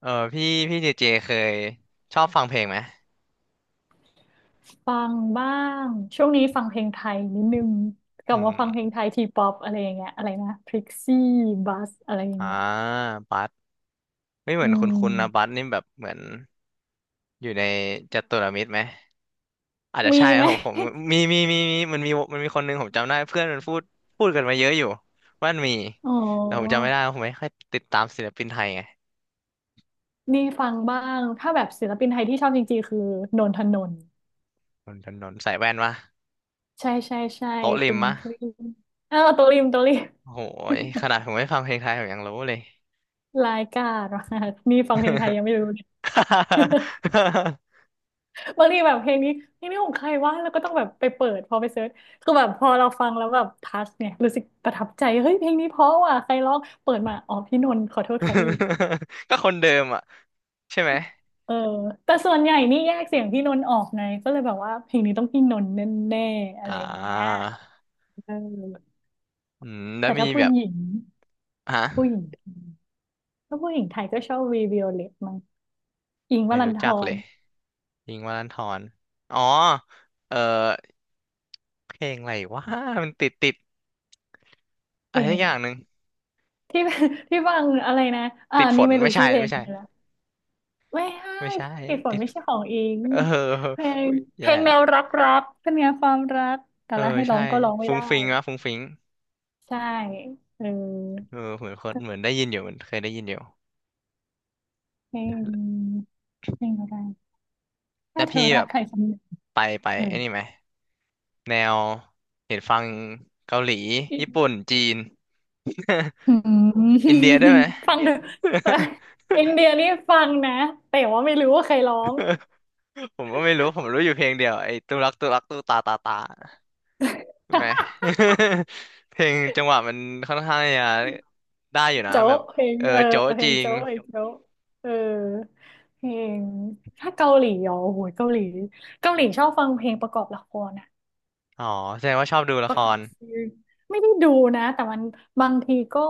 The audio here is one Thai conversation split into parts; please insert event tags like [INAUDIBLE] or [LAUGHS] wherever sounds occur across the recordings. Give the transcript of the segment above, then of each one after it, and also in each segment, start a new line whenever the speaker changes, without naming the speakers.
เออพี่พี่เจเจเคยชอบฟังเพลงไหม
ฟังบ้างช่วงนี้ฟังเพลงไทยนิดนึงกลั
อื
บมาฟังเพลง
ม
ไทยทีป๊อปอะไรอย่างเงี้ยอะไรนะพริกซี่บัสอะไรอย่าง
อ่า
เงี้ย
บัสไม่เหมื
อื
อนคุณนะบั
ม
สนี่แบบเหมือนอยู่ในจัตุรมิตรไหมอาจจะ
มี
ใช่
ไห
นะ
ม
ผมมีมันมีคนหนึงผมจำได้เพื่อนมันพูดพูดกันมาเยอะอยู่ว่ามันมี
[LAUGHS] อ๋อ
แต่ผมจำไม่ได้ผมไม่ค่อยติดตามศิลปินไทยไง
นี่ฟังบ้างถ้าแบบศิลปินไทยที่ชอบจริงๆคือนนทนนท์
นนทนนท์ใส่แว่นวะ
ใช่ใช่ใช่
โต๊ะริ
คุ
ม
ณ
มะ
พริมเออตัวริม
โอ้โหขนาดผมไม่ฟังเพลงไทยผมยังรู้เลย
รายกา [LAUGHS] รดมากนี่ฟังเพลงไทยยังไม่รู้เลย บางทีแบบเพลงนี้ของใครวะแล้วก็ต้องแบบไปเปิดพอไปเซิร์ชคือแบบพอเราฟังแล้วแบบทัชเนี่ยรู้สึกประทับใจเฮ้ยเพลงนี้เพราะว่ะใครร้องเปิดมาอ๋อพี่นนท์ขอโทษค่ะพี่
[LAUGHS] ก็คนเดิมอ่ะใช่ไหม
เออแต่ส่วนใหญ่นี่แยกเสียงพี่นนท์ออกไงก็เลยแบบว่าเพลงนี้ต้องพี่นนท์แน่ๆอะไร
อ่า
อย่างเงี้ยเออ
อืมแล้
แต่
วมี
ถ้าผู้
แบบ
หญิง
ฮะ
ผู้หญิงไทยถ้าผู้หญิงไทยก็ชอบวีวิโอเลตมั้งอิงค์ว
ไม่
รัน
รู้
ธ
จักเล
ร
ยยิงค์วรันธรอ๋อเออเพลงอะไรวะมันติด
เพ
อะ
ล
ไร
ง
สัก
อะ
อ
ไร
ย่างหนึ่ง
ที่ [LAUGHS] ที่ฟังอะไรนะอ่า
ติดฝ
นี่
น
ไม่รู้
ไม่ใช่
ชื่อเพลง
ไม่
เล
ใช่
ยนะ ไม่ให้
ไม่ใช่
ติดฝน
ติด
ไม่ใช่ของอิง
เออ
เพลง
อุ๊ยแย่
แน
ละ
วรักร็กเป็นไงความรักแต่
เออ
ละให้ร้อ
ใช่
งก็ร้องไม่
ฟุ้ง
ได้
ฟิงวะฟุ้งฟิง
ใช่เออ
เออเหมือนคนเหมือนได้ยินอยู่เหมือนเคยได้ยินอยู่
เพลงเพลงอะไร
แล้
ถ้า
ว
เธ
พี่
อ
แบ
รัก
บ
ใครคนหนึ่ง
ไปไป
เออ
ไอ้นี่ไหมแนวเห็นฟังเกาหลีญี่ปุ่นจีน
อื
[LAUGHS] อิน
ม
เดียได้วยไหม
ฟังเถอะ
[LAUGHS]
อินเดียนี่ฟังนะ แต่ว่าไม่รู้ว่าใครร้อง
ผมก็ไม่รู้ผมรู้อยู่เพลงเดียวไอ้ตุรักตุรักตุตาตาตาใช่ไหม [LAUGHS] เพลงจังหวะมันค่อนข้างจะได้อยู่นะแบ
โจ๊ะ
บ
เพลง
เออ
เออ
โจ๊ะ
เพ
จ
ล
ริ
ง
ง
โจ๊ะไอ้โจ๊ะเออเพลงถ้าเกาหลีอ๋อโอ้โหเกาหลีเกาหลีชอบฟังเพลงประกอบละครนะ
อ๋อแสดงว่าชอบดูละ
ป
ค
ระกอ
ร
บซีรีส์ไม่ได้ดูนะแต่มันบางทีก็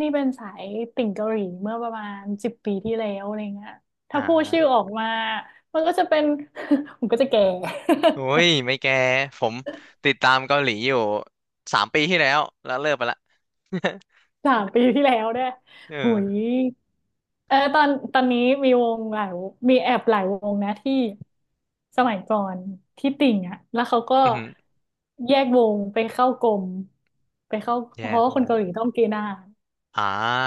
นี่เป็นสายติ่งเกาหลีเมื่อประมาณ10 ปีที่แล้วอะไรเงี้ย
อ่
ถ้าพูดชื่อ
า
ออกมามันก็จะเป็น [LAUGHS] ผมก็จะแก่
โอ้ยไม่แกผมติดตามเกาหลีอยู่สามปีที่แล้วแล้วเลิกไปละ [LAUGHS]
[LAUGHS] 3 ปีที่แล้วด้วยหุย
เออ
เออตอนนี้มีวงหลายวงมีแอบหลายวงนะที่สมัยก่อนที่ติ่งอ่ะแล้วเขาก็
อือหือ
แยกวงไปเข้ากรมไปเข้า
แย
เพ
ก
ราะว่า
ว
คน
ง
เกาหลีต้องเกณฑ์ทหาร
อ่า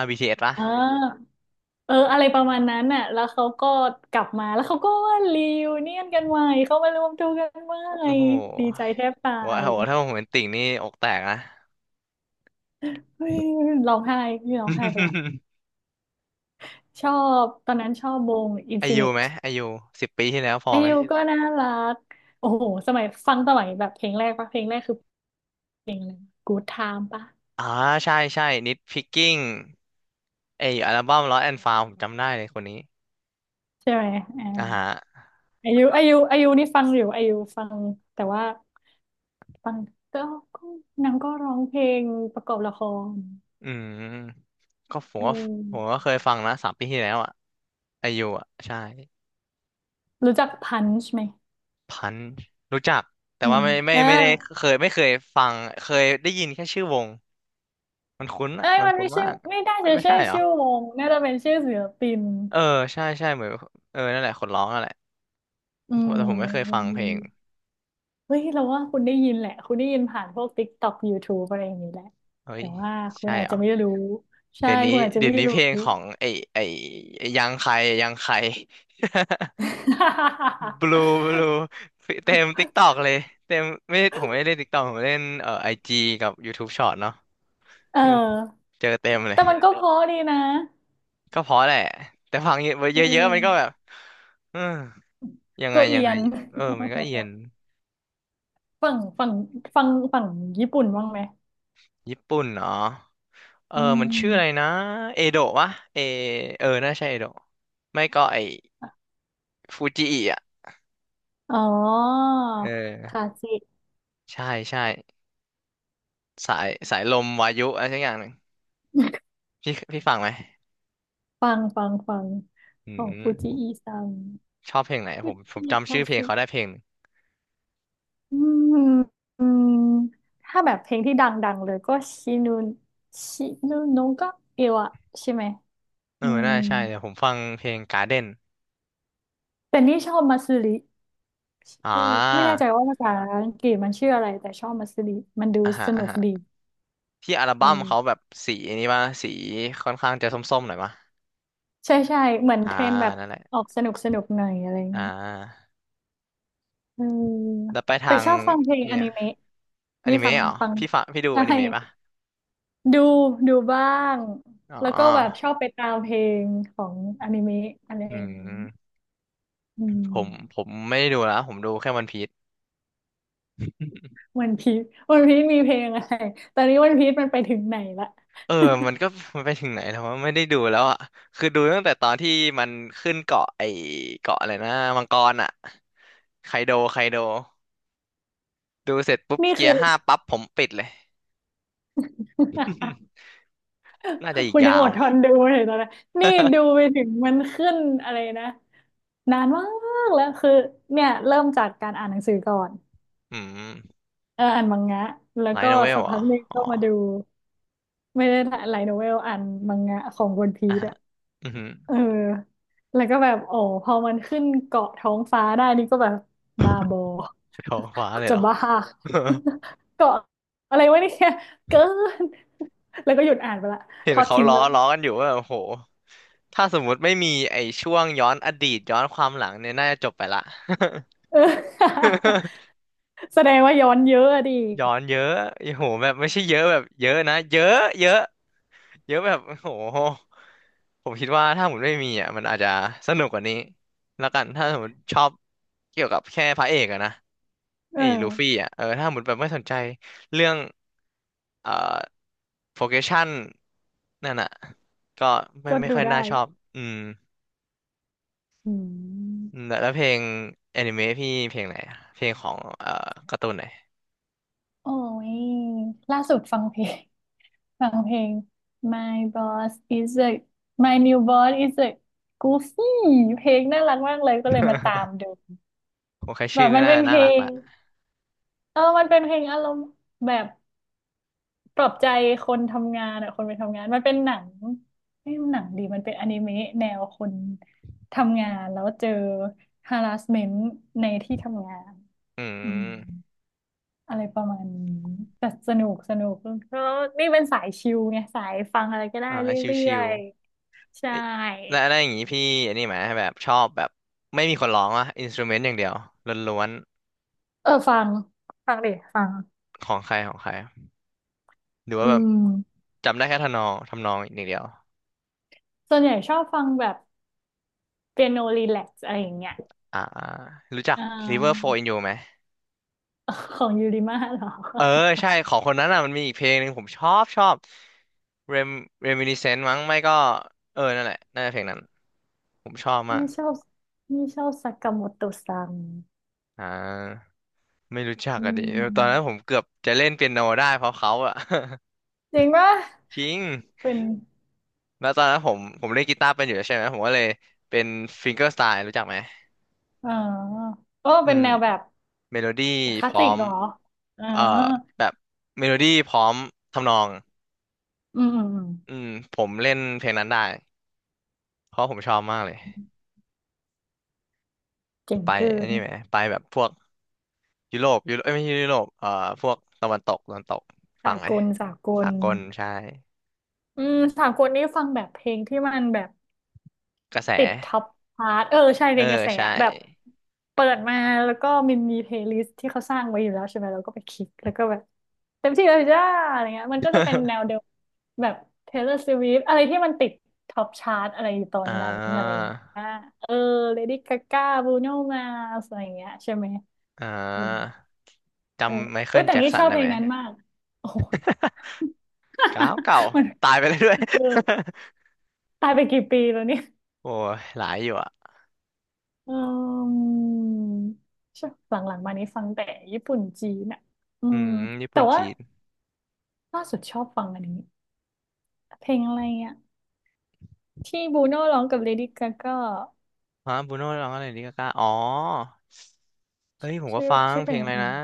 BTS ปะ
อ่า เอออะไรประมาณนั้นน่ะแล้วเขาก็กลับมา แล้วเขาก็ว่ารีวเนียนกันใหม่เขามารวมตัวกันใหม่
โอ้โห
ดีใจแทบตา
โอ้โห
ย
ถ้าผมเป็นติ่งนี่อกแตกนะ
เฮ้ยร้องไห้นี่ร้องไห้ไปละ
[LAUGHS]
ชอบตอนนั้นชอบวงอิน
อา
ฟิ
ยุ
นิต
ไหมอายุ10 ปีที่แล้วพอ
อา
ไหม
ยุก็น่ารัก โอ้โหสมัยฟังสมัยแบบเพลงแรกปะเพลงแรกคือเพลงอะไร Good Time ปะ
อ่าใช่ใช่นิดพิกกิ้งไออัลบั้ม Lost and Found ผมจำได้เลยคนนี้
ใช่ไหมอ่า
อ่าฮะ
อายุนี่ฟังอยู่อายุฟังแต่ว่าฟังก็ก็นางก็ร้องเพลงประกอบละคร
อืมก็ผม
เอ
ว่าผมก็
อ
เคยฟังนะสามปีที่แล้วอ่ะอายุอ่ะใช่
รู้จักพันช์ไหม
พันช์รู้จักแต่
อืม
ว่าไม่ไม่
เออ
ไม่ได้เคยไม่เคยฟังเคยได้ยินแค่ชื่อวงมันคุ้นอ่ะ
เอ้ย
มัน
มัน
คุ้น
ไม่ใช่
มาก
ไม่ได้จะ
ไม่
ใช่
ใช่เหรอ
ชื่อวงน่าจะเป็นชื่อศิลปิน
เออใช่ใช่เหมือนเออนั่นแหละคนร้องนั่นแหละ
อื
ผ
ม
มแต่ผมไม่
มั
เคยฟั
น
งเพล
มี
ง
เฮ้ย เราว่าคุณได้ยินแหละ คุณได้ยินผ่านพวก TikTok YouTube อะไรอย่างนี้แหละ
เฮ้
แต่
ย
ว่าคุณ
ใช่
อาจ
เหร
จะ
อ
ไม่รู้ ใช่
เดี๋ยวนี้
คุณอาจจะ
เดี๋ยว
ไม่
นี้เพ
รู้
ลงของไอไอ้ยังใคร [LAUGHS] บลูบลูเต็มติ๊กตอกเลยเต็มไม่ผมไม่ได้เล่นติ๊กตอกผมเล่นไอจีกับ YouTube Short เนาะ
[LAUGHS] เ
[LAUGHS]
ออ
เจอเต็มเล
แต่
ย
มันก็เพราะดีนะ
ก็เพราะแหละแต่ฟังเย
เ
อะๆมันก็แบ
ออ
บเออยังไง
โก็เอี
ยัง
ย
ไง
น
เออมันก็เอียน
ฝั่งฝั่งฝั่งฝั่งญี่ปุ่นบ้างไหม
ญี่ปุ่นเนาะเออ
อื
มันชื่ออะไร
ม
นะเอโดะวะเอเออน่าใช่เอโดะไม่ก็ไอฟูจิอิอ่ะ
อ๋อ
เออ
คาซิ
ใช่ใช่สายสายลมวายุอะไรสักอย่างหนึ่งพี่ฟังไหม
ฟังฟังฟัง
อื
ของฟูจิ
ม
อีซัง
ชอบเพลงไหน
ฟู
ผม
จิค
จำ
ลา
ชื่อเพลง
สึ
เขาได้เพลง
อืมอืมถ้าแบบเพลงที่ดังๆเลยก็ชินุชินุนงก็เอวะใช่ไหม
เอ
อื
อ
ม
น่าใช่ เดี๋ยวผมฟังเพลง Garden
แต่นี่ชอบมาซึริ
อ่า
เออไม่แน่ใจว่าภาษาอังกฤษมันชื่ออะไรแต่ชอบมาซึริมันดู
อ่าฮะ
ส
อ่า
นุก
ฮะ
ดี
ที่อัล
เ
บั้มเขาแบ
ออ
บสีนี้ป่ะสีค่อนข้างจะส้มๆหน่อยป่ะ
ใช่ใช่เหมือน
อ่า
เทรนแบบ
นั่นแหละ
ออกสนุกสนุกหน่อยอะไร
อ่
เงี้ย
า
เออ
แล้วไปทา
แต่
ง
ชอบฟังเพลงอ
เนี่ย
นิเมะ
อ
นี่
นิ
ฟั
เมะ
ง
เหรอ
ฟัง
พี่ฟังพี่ดูอ
ใช่
นิเมะป่ะ
ดูดูบ้าง
อ๋
แล้วก็แบบช
อ
อบไปตามเพลงของอนิเมะอะไร
อื
อย่างนี้
ม
อืม
ผมไม่ได้ดูแล้วผมดูแค่วันพีซ
วันพีชวันพีชมีเพลงอะไรตอนนี้วันพีชมันไปถึงไหนละ
เออมันก็มันไปถึงไหนแล้วว่าไม่ได้ดูแล้วอ่ะคือดูตั้งแต่ตอนที่มันขึ้นเกาะไอเกาะอะไรนะมังกรอ่ะไคโดดูเสร็จปุ๊บ
นี่
เกี
คื
ย
อ
ร์ห้าปั๊บผมปิดเลย [LAUGHS] อื
[LAUGHS]
มน่าจะอีก
คุณ
ยา
ยังอ
ว
ดทนดูเลยตอนนั้นนี่ดูไปถึงมันขึ้นอะไรนะนานมากแล้วคือเนี่ยเริ่มจากการอ่านหนังสือก่อน
อืม
เอออ่านมังงะแล้ว
ไล
ก็
ท์โนเว
สั
ล
ก
เหร
พั
อ
กหนึง
อ๋อ
ก็มา
[LAUGHS]
ดูไม่ได้ถ่ายไลท์โนเวลอ่านมังงะของวันพี
อ่ะ
ช
ฮะอือหือ
เออแล้วก็แบบโอ้พอมันขึ้นเกาะท้องฟ้าได้นี่ก็แบบบ้าบอ
ไม่ขอคว้า
กู
เลยเห
จะ
รอ
บ้า [LAUGHS] เกาะอะไรวะเนี่ยเกิน แล้วก็หยุดอ่านไปละ
[LAUGHS] เห็
ท
น
อด
เขา
ทิ้ง
ล้อ
ไปละ
ล้อกันอยู่ว่าโอ้โหถ้าสมมุติไม่มีไอ้ช่วงย้อนอดีตย้อนความหลังเนี่ย น่าจะจบไปละ
[LAUGHS] เออ [LAUGHS] แสดงว่าย้อนเยอะอะดิ
[LAUGHS] ย้อนเยอะโอ้โหแบบไม่ใช่เยอะแบบเยอะนะ เยอะ เยอะ เยอะแบบ [LAUGHS] โอ้โหผมคิดว่าถ้าผมไม่มีอ่ะมันอาจจะสนุกกว่านี้แล้วกันถ้าสมมติชอบเกี่ยวกับแค่พระเอกอะนะ
เอ
ไอ้ลูฟี่
อ
อ่ะเออถ้าสมมติแบบไม่สนใจเรื่องเอ่อโปรเกชันนั่นอ่ะก็ไม่
ก็
ไม่
ดู
ค่อยน่า
ได้
ชอบอืม
อื
อื
ม
มแล้วเพลงแอนิเมะพี่เพลงไหนอะเพลงของการ์ตูนไหน
โอ้ยล่าสุดฟังเพลง My boss is a My new boss is a goofy เพลงน่ารักมากเลยก็เลยมาตามดู
ผมแค่
แบ
ชื่อ
บ
ก็
มัน
น่า
เป็นเพ
น่า
ล
รัก
ง
ละ
เออมันเป็นเพลงอารมณ์แบบปลอบใจคนทำงานอะคนไปทำงานมันเป็นหนังไม่หนังดีมันเป็นอนิเมะแนวคนทำงานแล้วเจอ harassment ในที่ทำงาน
อื
อืม
ม
อะไรประมาณนี้แต่สนุกสนุกแลนี่เป็นสายชิลไงสายฟังอะไรก็ได้
อ่า
เร
ชิ
ื่อ
ว
ยๆใช่
เอ้ยแล้วอะไรอย่างงี้พี่อันนี้ไหมแบบชอบแบบไม่มีคนร้องอะอินสต u เมนต์อย่างเดียวล้วน
เออฟังฟังดิฟัง
ๆของใครของใครหรือ
อื
ว่าแบบ
ม
จำได้แค่ทำนองทำนองอย่างเดียว
ส่วนใหญ่ชอบฟังแบบเปียโนรีแลกซ์อะไรอย่างเงี้ย
อ่ารู้จัก
อ่
River Flow in
า
You ไหม
ของยูริมาเหรอ
เออใช่ของคนนั้นอ่ะมันมีอีกเพลงหนึ่งผมชอบ Rem Reminiscence มั้งไม่ก็เออนั่นแหละน่าจะเพลงนั้นผมชอบมาก
นี่ชอบนี่ชอบซากาโมโตะซัง
อ่าไม่รู้จัก
อื
อะดิตอนนั้นผ
ม
มเกือบจะเล่นเปียโนได้เพราะเขาอะ
จริงปะ
[LAUGHS] จริง
เป็น
แล้วตอนนั้นผมเล่นกีตาร์เป็นอยู่แล้วใช่ไหมผมก็เลยเป็นฟิงเกอร์สไตล์รู้จักไหม
เออก็
อื
เป็น
ม
แนวแบบ
เมโลดี้
ค
พ
ลาส
ร้
สิ
อ
ก
ม
เหรออ่า
เอ่อแบบเมโลดี้พร้อมทำนอง
อืม
อืมผมเล่นเพลงนั้นได้เพราะผมชอบมากเลย
เจ๋ง
ไป
เกิ
อัน
น
นี้ไหมไปแบบพวกยุโรปเอ้ยไม่ใช่ยุโรปพวกตะวันตกฟั
สา
งไหม
กลสาก
สา
ล
กลใช่
อืมสากลนี่ฟังแบบเพลงที่มันแบบ
กระแส
ติดท็อปชาร์ตเออใช่
เออ
เป็นกระแส
ใช่
อะแบบเปิดมาแล้วก็มันมีเพลย์ลิสต์ที่เขาสร้างไว้อยู่แล้วใช่ไหมเราก็ไปคลิกแล้วก็แบบเต็มที่เลยจ้าอะไรเงี้ยมันก็จะเป็น
[LAUGHS]
แนวเดียวแบบ Taylor Swift อะไรที่มันติดท็อปชาร์ตอะไรอยู่ตอน
อ่
นั้นอะไร
า
เงี้ยเออ Lady Gaga Bruno Mars อะไรเงี้ยใช่ไหม
อ่
อืม
า
เออ
จำไม
เอ้
เคิ
ย
ล
แต่
แจ็ค
นี่
สั
ช
น
อบ
ได้
เพล
ไหม
งนั้นมากโอ้ย
[LAUGHS] เก่าเก่า
[LAUGHS] มัน
ตายไปเลยด้วย [LAUGHS]
เออตายไปกี่ปีแล้วเนี่ย
โอ้ยหลายอยู่อ่ะ
อืมใช่หลังๆมานี้ฟังแต่ญี่ปุ่นจีนอ่ะอื
อื
ม
มญี่
แต่
ปุ่น
ว่า
จีน
ล่าสุดชอบฟังอันนี้เพลงอะไรอ่ะที่บูโน่ร้องกับเลดี้กาก้า
ฮะบูโน่ร้องอะไรนี่กากาอ๋อเอ้ยผมก็
ชื่อ
ฟัง
ชื่อ
เพ
เพล
ลง
ง
อะ
อะ
ไร
ไร
นะ
นะ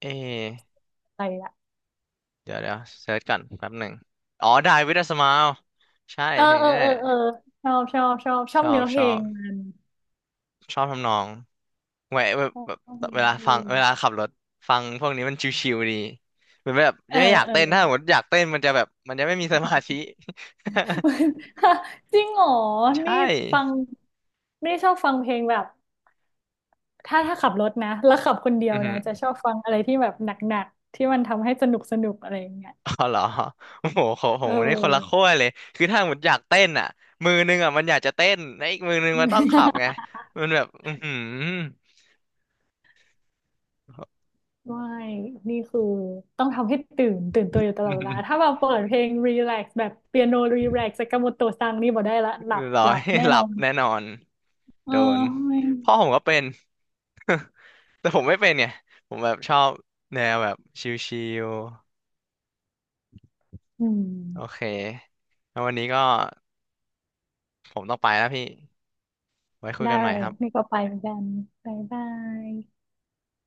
เอ
อะไรละ
เดี๋ยวเซิร์ชก่อนแป๊บหนึ่ง อ๋อ Die with a Smile ใช่
เออ
เพลง
เออ
นี้แห
เออ
ละ
เออชอบชอบชอบชอ
ช
บ
อบ
เนื้อเพ
ช
ล
อ
ง
บ
มัน
ชอบทำนองแหวะแบบแบบ
ชอบ
เว
เนื้อ
ลา
เพล
ฟัง
ง
เวลาขับรถฟังพวกนี้มันชิวๆดีเหมือนแบบ
เอ
ยั
อ
งไม่อยาก
เออ
เต้นถ้าสมมติอยากเต้นมันจะแบบมันจะไม่มีสมาธิ
[LAUGHS] จริงเหรอ
[LAUGHS]
นี่
ใช่
ฟังนี่ชอบฟังเพลงแบบ ถ้าขับรถนะแล้วขับคนเดีย
อื
ว
อหื
นะ
อ
จะชอบฟังอะไรที่แบบหนักๆที่มันทำให้สนุกสนุกอะไรอย่างเงี้ย
อ๋อเหรอ [LAUGHS] โอ้โหของผ
เอ
ม
อ
นี่คนละขั้วเลย คือถ้ามันอยากเต้นอ่ะมือนึงอ่ะมันอยากจะเต้นแล้วอีกมือนึงมันต้องขับไง
[LAUGHS]
มันแบบอือหือ
ไม่นี่คือต้องทำให้ตื่นตื่นตัวอยู่ตลอดเวลาถ้าแบบเปิดเพลงรีแลกซ์แบบเปียโนรีแลกซ์สากาโมโตะซังนี่บอกได้ละหลับ
[LAUGHS] ร้อ
หลั
ย
บแน่
หลั
นอ
บ
น
แน่นอน
เออ
โดน
ไม่
พ่อผมก็เป็น [LAUGHS] แต่ผมไม่เป็นไงผมแบบชอบแนวแบบชิล
อืม
ๆ โอเค แล้ววันนี้ก็ผมต้องไปแล้วพี่ ไว้คุย
ได้
กันให
เล
ม่
ย
ครับ
นี่ก็ไปเหมือนกันบ๊ายบาย